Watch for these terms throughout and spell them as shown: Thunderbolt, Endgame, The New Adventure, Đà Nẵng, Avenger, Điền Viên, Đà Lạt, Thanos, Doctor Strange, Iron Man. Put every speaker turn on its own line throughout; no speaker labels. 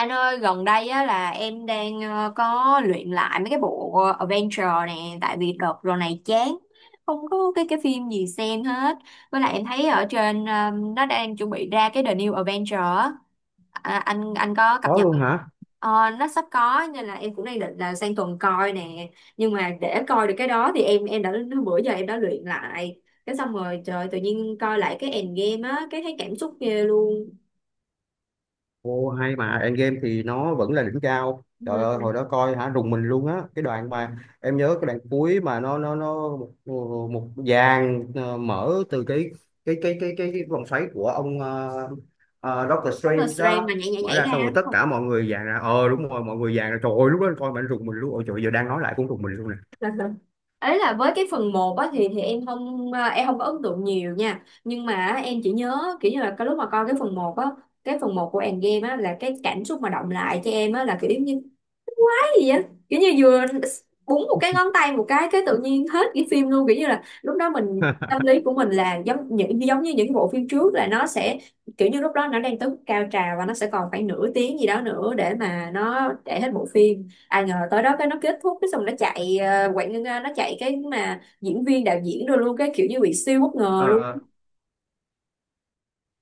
Anh ơi, gần đây á, là em đang có luyện lại mấy cái bộ adventure nè, tại vì đợt rồi này chán, không có cái phim gì xem hết. Với lại em thấy ở trên nó đang chuẩn bị ra cái The New Adventure á. Anh có cập
Có
nhật
luôn
không?
hả?
Nó sắp có nên là em cũng đang định là sang tuần coi nè. Nhưng mà để coi được cái đó thì em đã bữa giờ em đã luyện lại. Cái xong rồi trời tự nhiên coi lại cái Endgame á, cái thấy cảm xúc ghê luôn.
Ô hay, mà Endgame thì nó vẫn là đỉnh cao, trời ơi
Ừ,
hồi đó coi hả, rùng mình luôn á. Cái đoạn mà em nhớ, cái đoạn cuối mà nó một, một dàn mở từ cái vòng xoáy của ông Doctor
nó là
Strange đó
stream mà nhảy nhảy
mở
nhảy
ra, xong
ra
rồi
đúng
tất
không?
cả mọi người dàn ra, ờ đúng rồi, mọi người dàn ra, trời ơi lúc đó coi mà anh rùng mình luôn, ôi trời giờ đang nói lại cũng rùng mình luôn
Ấy là với cái phần một á thì em không à, em không có ấn tượng nhiều nha, nhưng mà á, em chỉ nhớ kiểu như là cái lúc mà coi cái phần một á, cái phần một của Endgame á là cái cảm xúc mà động lại cho em á là kiểu giống như gì á, kiểu như vừa búng một cái ngón tay một cái tự nhiên hết cái phim luôn, kiểu như là lúc đó mình tâm lý của mình là giống như những bộ phim trước là nó sẽ kiểu như lúc đó nó đang tới mức cao trào và nó sẽ còn khoảng nửa tiếng gì đó nữa để mà nó chạy hết bộ phim, ai ngờ tới đó cái nó kết thúc, cái xong nó chạy quảng nó chạy cái mà diễn viên đạo diễn rồi luôn, cái kiểu như bị siêu bất ngờ luôn.
nè.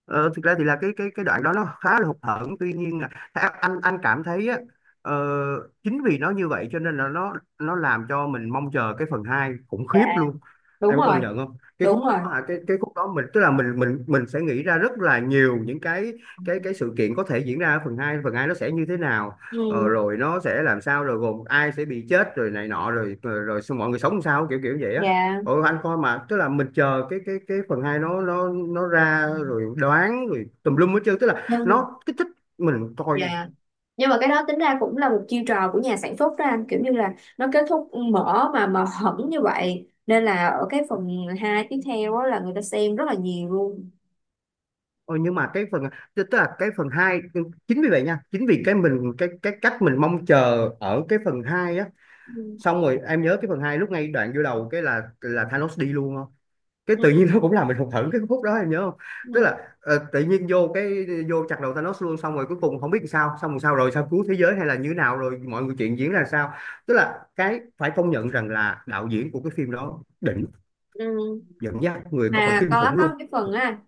Ờ, thực ra thì là cái đoạn đó nó khá là hụt hẫng, tuy nhiên là theo anh cảm thấy á, ờ, chính vì nó như vậy cho nên là nó làm cho mình mong chờ cái phần 2 khủng
Dạ,
khiếp luôn.
đúng
Em có
rồi,
công nhận không cái khúc
đúng rồi,
đó hả? Cái khúc đó mình, tức là mình sẽ nghĩ ra rất là nhiều những cái sự kiện có thể diễn ra ở phần hai, phần 2 nó sẽ như thế nào, ờ,
ừ.
rồi nó sẽ làm sao, rồi gồm ai sẽ bị chết, rồi này nọ, rồi rồi, rồi mọi người sống làm sao, kiểu kiểu vậy á.
dạ
Ừ, anh coi mà tức là mình chờ cái phần hai, nó ra rồi đoán rồi tùm lum hết trơn, tức là
nhưng
nó kích thích mình coi.
dạ, nhưng mà cái đó tính ra cũng là một chiêu trò của nhà sản xuất đó anh, kiểu như là nó kết thúc mở mà hẳn như vậy, nên là ở cái phần 2 tiếp theo đó là người ta xem rất là nhiều luôn.
Ừ, nhưng mà cái phần, tức tức là cái phần hai, chính vì vậy nha, chính vì cái mình, cái cách mình mong chờ ở cái phần hai á.
Ừ.
Xong rồi em nhớ cái phần hai lúc ngay đoạn vô đầu cái là Thanos đi luôn, cái tự nhiên
Ừ,
nó cũng làm mình hụt hẫng cái phút đó em nhớ không? Tức
ừ,
là ờ, tự nhiên vô cái vô chặt đầu Thanos luôn, xong rồi cuối cùng không biết làm sao, xong rồi sao cứu thế giới hay là như thế nào, rồi mọi người chuyện diễn ra sao. Tức là cái phải công nhận rằng là đạo diễn của cái phim đó đỉnh,
ừ.
dẫn dắt người coi
Mà
kinh
có
khủng luôn.
có cái phần á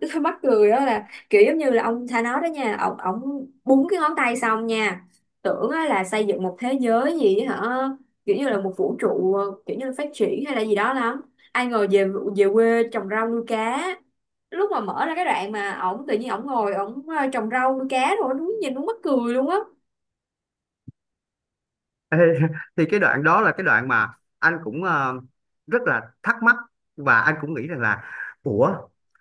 mắc cười đó là kiểu giống như là ông Thanos đó nha, ông búng cái ngón tay xong nha, tưởng á là xây dựng một thế giới gì á hả, kiểu như là một vũ trụ kiểu như là phát triển hay là gì đó lắm, ai ngờ về về quê trồng rau nuôi cá. Lúc mà mở ra cái đoạn mà ổng tự nhiên ổng ngồi ổng trồng rau nuôi cá rồi đúng nhìn đúng mắc cười luôn á.
Ê, thì cái đoạn đó là cái đoạn mà anh cũng rất là thắc mắc, và anh cũng nghĩ rằng là ủa,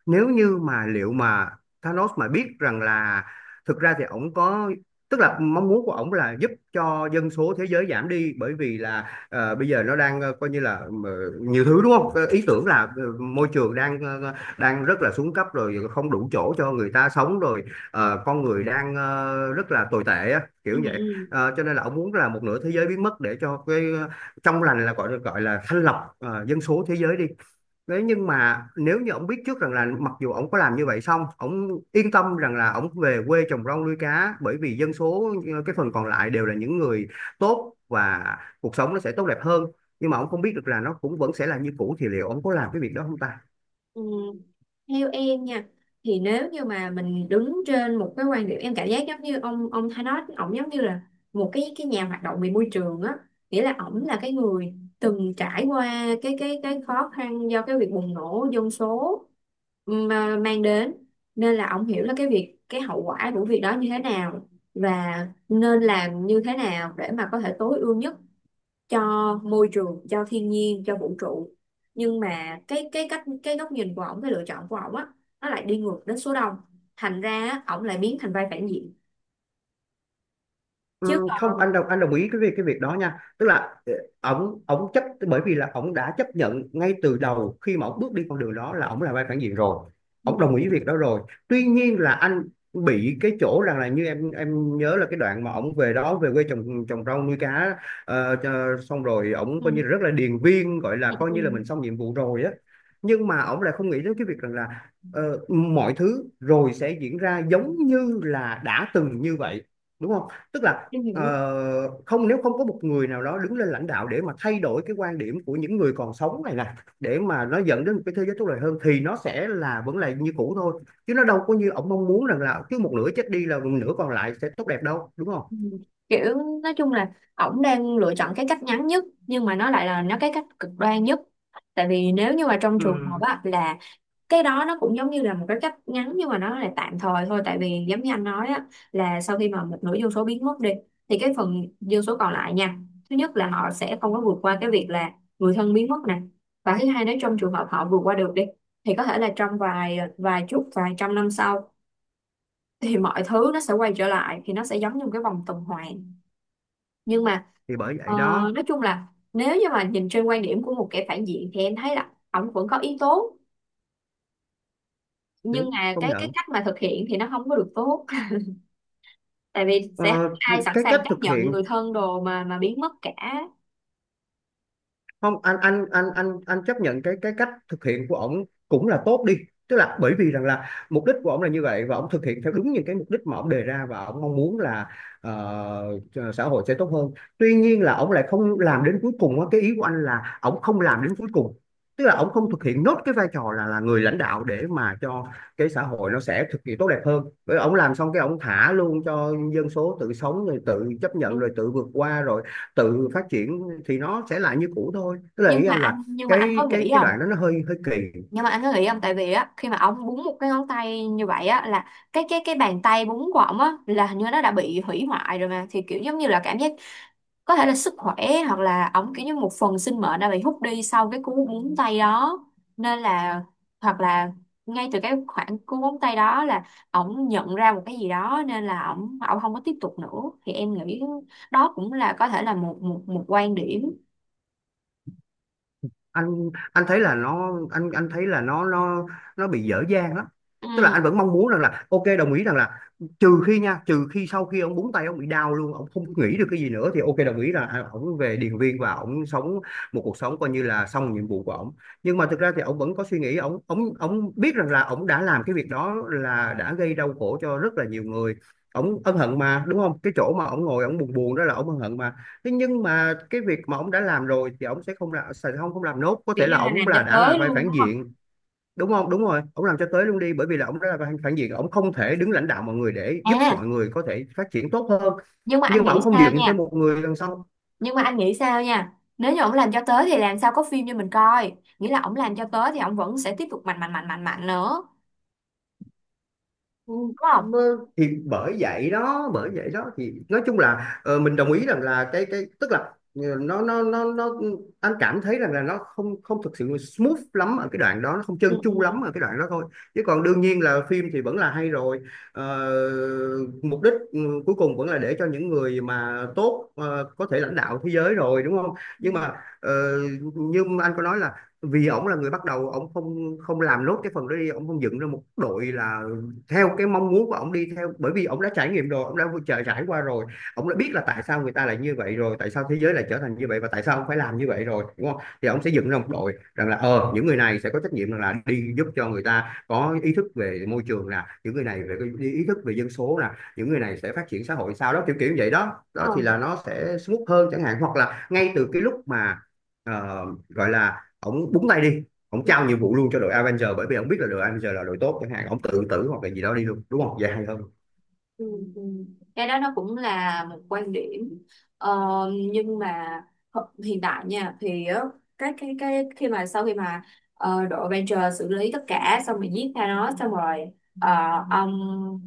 nếu như mà liệu mà Thanos mà biết rằng là, thực ra thì ổng có, tức là mong muốn của ổng là giúp cho dân số thế giới giảm đi, bởi vì là ờ, bây giờ nó đang coi như là nhiều thứ đúng không. Ờ, ý tưởng là ờ, môi trường đang đang rất là xuống cấp rồi, không đủ chỗ cho người ta sống rồi,
Ừ,
ờ, con người đang rất là tồi tệ á,
ừ,
kiểu vậy.
ừ.
Ờ, cho nên là ông muốn là một nửa thế giới biến mất để cho cái ờ, trong lành, là gọi gọi là thanh lọc ờ, dân số thế giới đi. Thế nhưng mà nếu như ông biết trước rằng là mặc dù ông có làm như vậy xong, ông yên tâm rằng là ông về quê trồng rau nuôi cá bởi vì dân số ờ, cái phần còn lại đều là những người tốt, và cuộc sống nó sẽ tốt đẹp hơn. Nhưng mà ông không biết được là nó cũng vẫn sẽ là như cũ, thì liệu ông có làm cái việc đó không ta?
Ừ. Theo em nha, thì nếu như mà mình đứng trên một cái quan điểm, em cảm giác giống như ông Thanos ổng giống như là một cái nhà hoạt động về môi trường á, nghĩa là ổng là cái người từng trải qua cái khó khăn do cái việc bùng nổ dân số mà mang đến, nên là ổng hiểu là cái hậu quả của việc đó như thế nào và nên làm như thế nào để mà có thể tối ưu nhất cho môi trường, cho thiên nhiên, cho vũ trụ. Nhưng mà cái góc nhìn của ổng, cái lựa chọn của ổng á, nó lại đi ngược đến số đông, thành ra á, ổng lại biến thành vai phản diện chứ
Không,
còn.
anh đồng ý cái việc đó nha, tức là ờ, ổng ổng chấp, bởi vì là ổng đã chấp nhận ngay từ đầu khi mà ổng bước đi con đường đó là ổng là vai phản diện rồi, ổng
Ừ,
đồng ý việc đó rồi. Tuy nhiên là anh bị cái chỗ rằng là như em nhớ là cái đoạn mà ổng về đó, về quê trồng trồng rau nuôi cá, xong rồi ổng coi như là
ừ,
rất là điền viên, gọi là coi như là
ừ,
mình xong nhiệm vụ rồi á. Nhưng mà ổng lại không nghĩ đến cái việc rằng là ờ, mọi thứ rồi sẽ diễn ra giống như là đã từng như vậy, đúng không, tức là
em hiểu.
ờ, không, nếu không có một người nào đó đứng lên lãnh đạo để mà thay đổi cái quan điểm của những người còn sống này nè, để mà nó dẫn đến một cái thế giới tốt đẹp hơn, thì nó sẽ là vẫn là như cũ thôi, chứ nó đâu có như ông mong muốn rằng là cứ một nửa chết đi là một nửa còn lại sẽ tốt đẹp đâu, đúng không?
Ừ. Kiểu, nói chung là ổng đang lựa chọn cái cách ngắn nhất, nhưng mà nó lại là nó cái cách cực đoan nhất, tại vì nếu như mà trong trường hợp
Ừ,
á là cái đó nó cũng giống như là một cái cách ngắn nhưng mà nó là tạm thời thôi. Tại vì giống như anh nói á, là sau khi mà một nửa dân số biến mất đi thì cái phần dân số còn lại nha, thứ nhất là họ sẽ không có vượt qua cái việc là người thân biến mất nè, và thứ hai nếu trong trường hợp họ vượt qua được đi thì có thể là trong vài vài chục, vài trăm năm sau thì mọi thứ nó sẽ quay trở lại, thì nó sẽ giống như một cái vòng tuần hoàn. Nhưng mà
thì bởi
ờ,
vậy đó,
nói chung là nếu như mà nhìn trên quan điểm của một kẻ phản diện thì em thấy là ổng vẫn có yếu tố, nhưng
đúng
mà
công
cái
nhận.
cách mà thực hiện thì nó không có được tốt tại vì sẽ không
Ờ,
có ai sẵn
cái cách
sàng chấp
thực
nhận
hiện,
người thân đồ mà biến mất cả.
không anh chấp nhận cái cách thực hiện của ổng cũng là tốt đi, tức là bởi vì rằng là mục đích của ổng là như vậy, và ổng thực hiện theo đúng những cái mục đích mà ổng đề ra, và ổng mong muốn là ờ, xã hội sẽ tốt hơn. Tuy nhiên là ổng lại không làm đến cuối cùng á. Cái ý của anh là ổng không làm đến cuối cùng, tức là ổng
Ừ.
không thực hiện nốt cái vai trò là người lãnh đạo để mà cho cái xã hội nó sẽ thực hiện tốt đẹp hơn, bởi ổng làm xong cái ổng thả luôn cho dân số tự sống rồi tự chấp nhận rồi
nhưng
tự vượt qua rồi tự phát triển, thì nó sẽ lại như cũ thôi, tức là
nhưng
ý
mà
anh là
anh, nhưng mà anh
cái
có
cái
nghĩ
cái
không
đoạn đó nó hơi hơi kỳ.
nhưng mà anh có nghĩ không, tại vì á khi mà ông búng một cái ngón tay như vậy á là cái bàn tay búng của ông á là hình như nó đã bị hủy hoại rồi mà, thì kiểu giống như là cảm giác có thể là sức khỏe, hoặc là ổng kiểu như một phần sinh mệnh đã bị hút đi sau cái cú búng tay đó, nên là hoặc là ngay từ cái khoảng cú búng tay đó là ổng nhận ra một cái gì đó nên là ổng ổng không có tiếp tục nữa. Thì em nghĩ đó cũng là có thể là một một một quan điểm.
Anh thấy là nó, anh thấy là nó bị dở dang lắm, tức là
Ừ,
anh vẫn mong muốn rằng là ok, đồng ý rằng là, trừ khi nha, trừ khi sau khi ông búng tay ông bị đau luôn, ông không nghĩ được cái gì nữa thì ok, đồng ý là à, ông về Điền Viên và ông sống một cuộc sống coi như là xong nhiệm vụ của ông. Nhưng mà thực ra thì ông vẫn có suy nghĩ, ông biết rằng là ông đã làm cái việc đó, là đã gây đau khổ cho rất là nhiều người. Ông ân hận mà, đúng không, cái chỗ mà ông ngồi ông buồn buồn đó là ông ân hận mà. Thế nhưng mà cái việc mà ông đã làm rồi thì ông sẽ không là sẽ không không làm nốt, có
kiểu
thể
như
là
là
ông
làm cho
là đã là
tới
vai
luôn
phản
đúng không?
diện, đúng không, đúng rồi, ông làm cho tới luôn đi, bởi vì là ông đã là vai phản diện, ông không thể đứng lãnh đạo mọi người để giúp
À,
mọi người có thể phát triển tốt hơn,
nhưng mà anh
nhưng mà
nghĩ
ông không
sao
dựng thêm
nha,
một người đằng sau.
nếu như ổng làm cho tới thì làm sao có phim cho mình coi, nghĩa là ổng làm cho tới thì ổng vẫn sẽ tiếp tục mạnh mạnh mạnh mạnh mạnh nữa
Ừ,
đúng không.
mà thì bởi vậy đó, bởi vậy đó, thì nói chung là ờ, mình đồng ý rằng là cái, tức là ờ, nó anh cảm thấy rằng là nó không không thực sự smooth lắm ở cái đoạn đó, nó không trơn tru lắm ở cái đoạn đó thôi, chứ còn đương nhiên là phim thì vẫn là hay rồi. Ờ, mục đích ừ, cuối cùng vẫn là để cho những người mà tốt ờ, có thể lãnh đạo thế giới rồi, đúng không? Nhưng mà ờ, như anh có nói là, vì ổng là người bắt đầu, ổng không không làm nốt cái phần đó đi, ổng không dựng ra một đội là theo cái mong muốn của ông đi theo, bởi vì ông đã trải nghiệm rồi, ông đã trải trải qua rồi, ông đã biết là tại sao người ta lại như vậy rồi, tại sao thế giới lại trở thành như vậy, và tại sao ông phải làm như vậy rồi, đúng không, thì ông sẽ dựng ra một đội rằng là ờ, những người này sẽ có trách nhiệm rằng là đi giúp cho người ta có ý thức về môi trường nè, những người này về cái ý thức về dân số nè, những người này sẽ phát triển xã hội sao đó, kiểu kiểu như vậy đó,
Ờ.
đó thì là nó sẽ smooth hơn chẳng hạn. Hoặc là ngay từ cái lúc mà ờ, gọi là ổng búng tay đi, ông trao nhiệm vụ luôn cho đội Avenger, bởi vì ông biết là đội Avenger là đội tốt chẳng hạn, ông tự tử hoặc là gì đó đi luôn, đúng không, dài hơn.
Ừ, ừ. Cái đó nó cũng là một quan điểm, ờ, nhưng mà hiện tại nha thì á, cái khi mà sau khi mà đội Avenger xử lý tất cả xong rồi giết Thanos xong rồi ờ, ông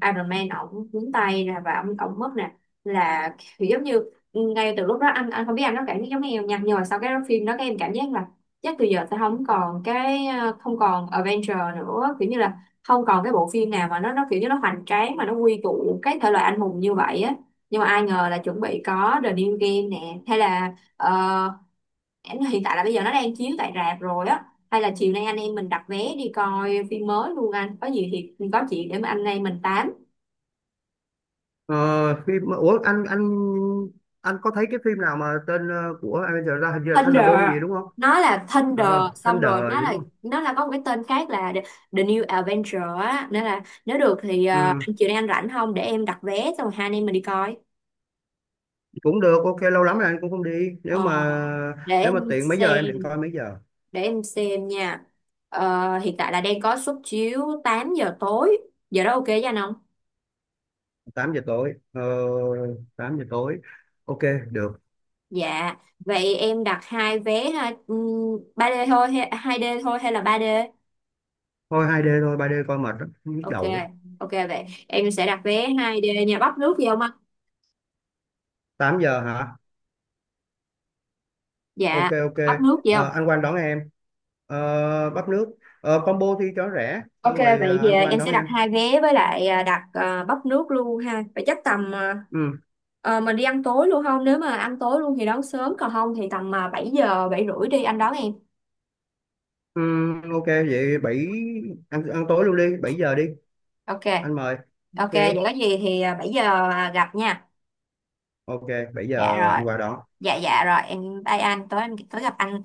Iron Man ổng nhúng tay ra và ổng mất nè, là kiểu giống như ngay từ lúc đó anh không biết anh có cảm giác giống em nha, nhưng mà sau cái phim đó các em cảm giác là chắc từ giờ sẽ không còn không còn Avenger nữa, kiểu như là không còn cái bộ phim nào mà nó kiểu như nó hoành tráng mà nó quy tụ cái thể loại anh hùng như vậy á. Nhưng mà ai ngờ là chuẩn bị có The New Game nè, hay là hiện tại là bây giờ nó đang chiếu tại rạp rồi á, hay là chiều nay anh em mình đặt vé đi coi phim mới luôn, anh có gì thì có chuyện để mà anh em mình tám.
Ờ, phim, ủa anh anh có thấy cái phim nào mà tên ờ, của Avenger ra hình như là
Thunder,
Thunderbolt gì đúng không,
nó là Thunder,
ờ,
xong
Thunder
rồi
gì đúng không.
nó là có một cái tên khác là The New Adventure á, nên là nếu được thì
Ừ,
anh chiều nay anh rảnh không để em đặt vé xong rồi hai anh em mình đi coi.
cũng được, ok, lâu lắm rồi anh cũng không đi, nếu
Ờ,
mà,
để
nếu
em
mà tiện, mấy giờ em định
xem
coi, mấy giờ?
để em xem nha. Ờ, hiện tại là đang có suất chiếu 8 giờ tối, giờ đó ok với anh không?
8 giờ tối, ờ, 8 giờ tối, ok, được.
Dạ vậy em đặt hai vé ha. 3D thôi hay 2D thôi hay là ba đê?
Thôi 2D thôi, 3D coi mệt lắm, nhức
Ok,
đầu lắm.
ok, vậy em sẽ đặt vé hai đê nha, bắp nước gì không anh?
8 giờ hả? Ok
Dạ.
ok.
Bắp nước gì không?
Ờ, anh Quang đón em. Ờ, bắp nước, ờ, combo thì cho rẻ, xong
Ok,
rồi
vậy
ờ,
thì
anh Quang
em
đón
sẽ đặt
em.
hai vé với lại đặt bắp nước luôn ha, vậy chắc tầm
Ừ.
mình đi ăn tối luôn không, nếu mà ăn tối luôn thì đón sớm còn không thì tầm 7 giờ 7 rưỡi đi anh đón em.
Ừ, ok, vậy bảy, ăn ăn tối luôn đi, 7 giờ đi,
Ok.
anh mời.
Ok,
Ok
vậy có gì thì 7 giờ gặp nha.
ok, 7
Dạ
giờ
rồi.
anh qua đón.
Dạ dạ rồi, em bye anh, tối gặp anh.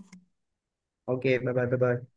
Ok, bye bye bye bye.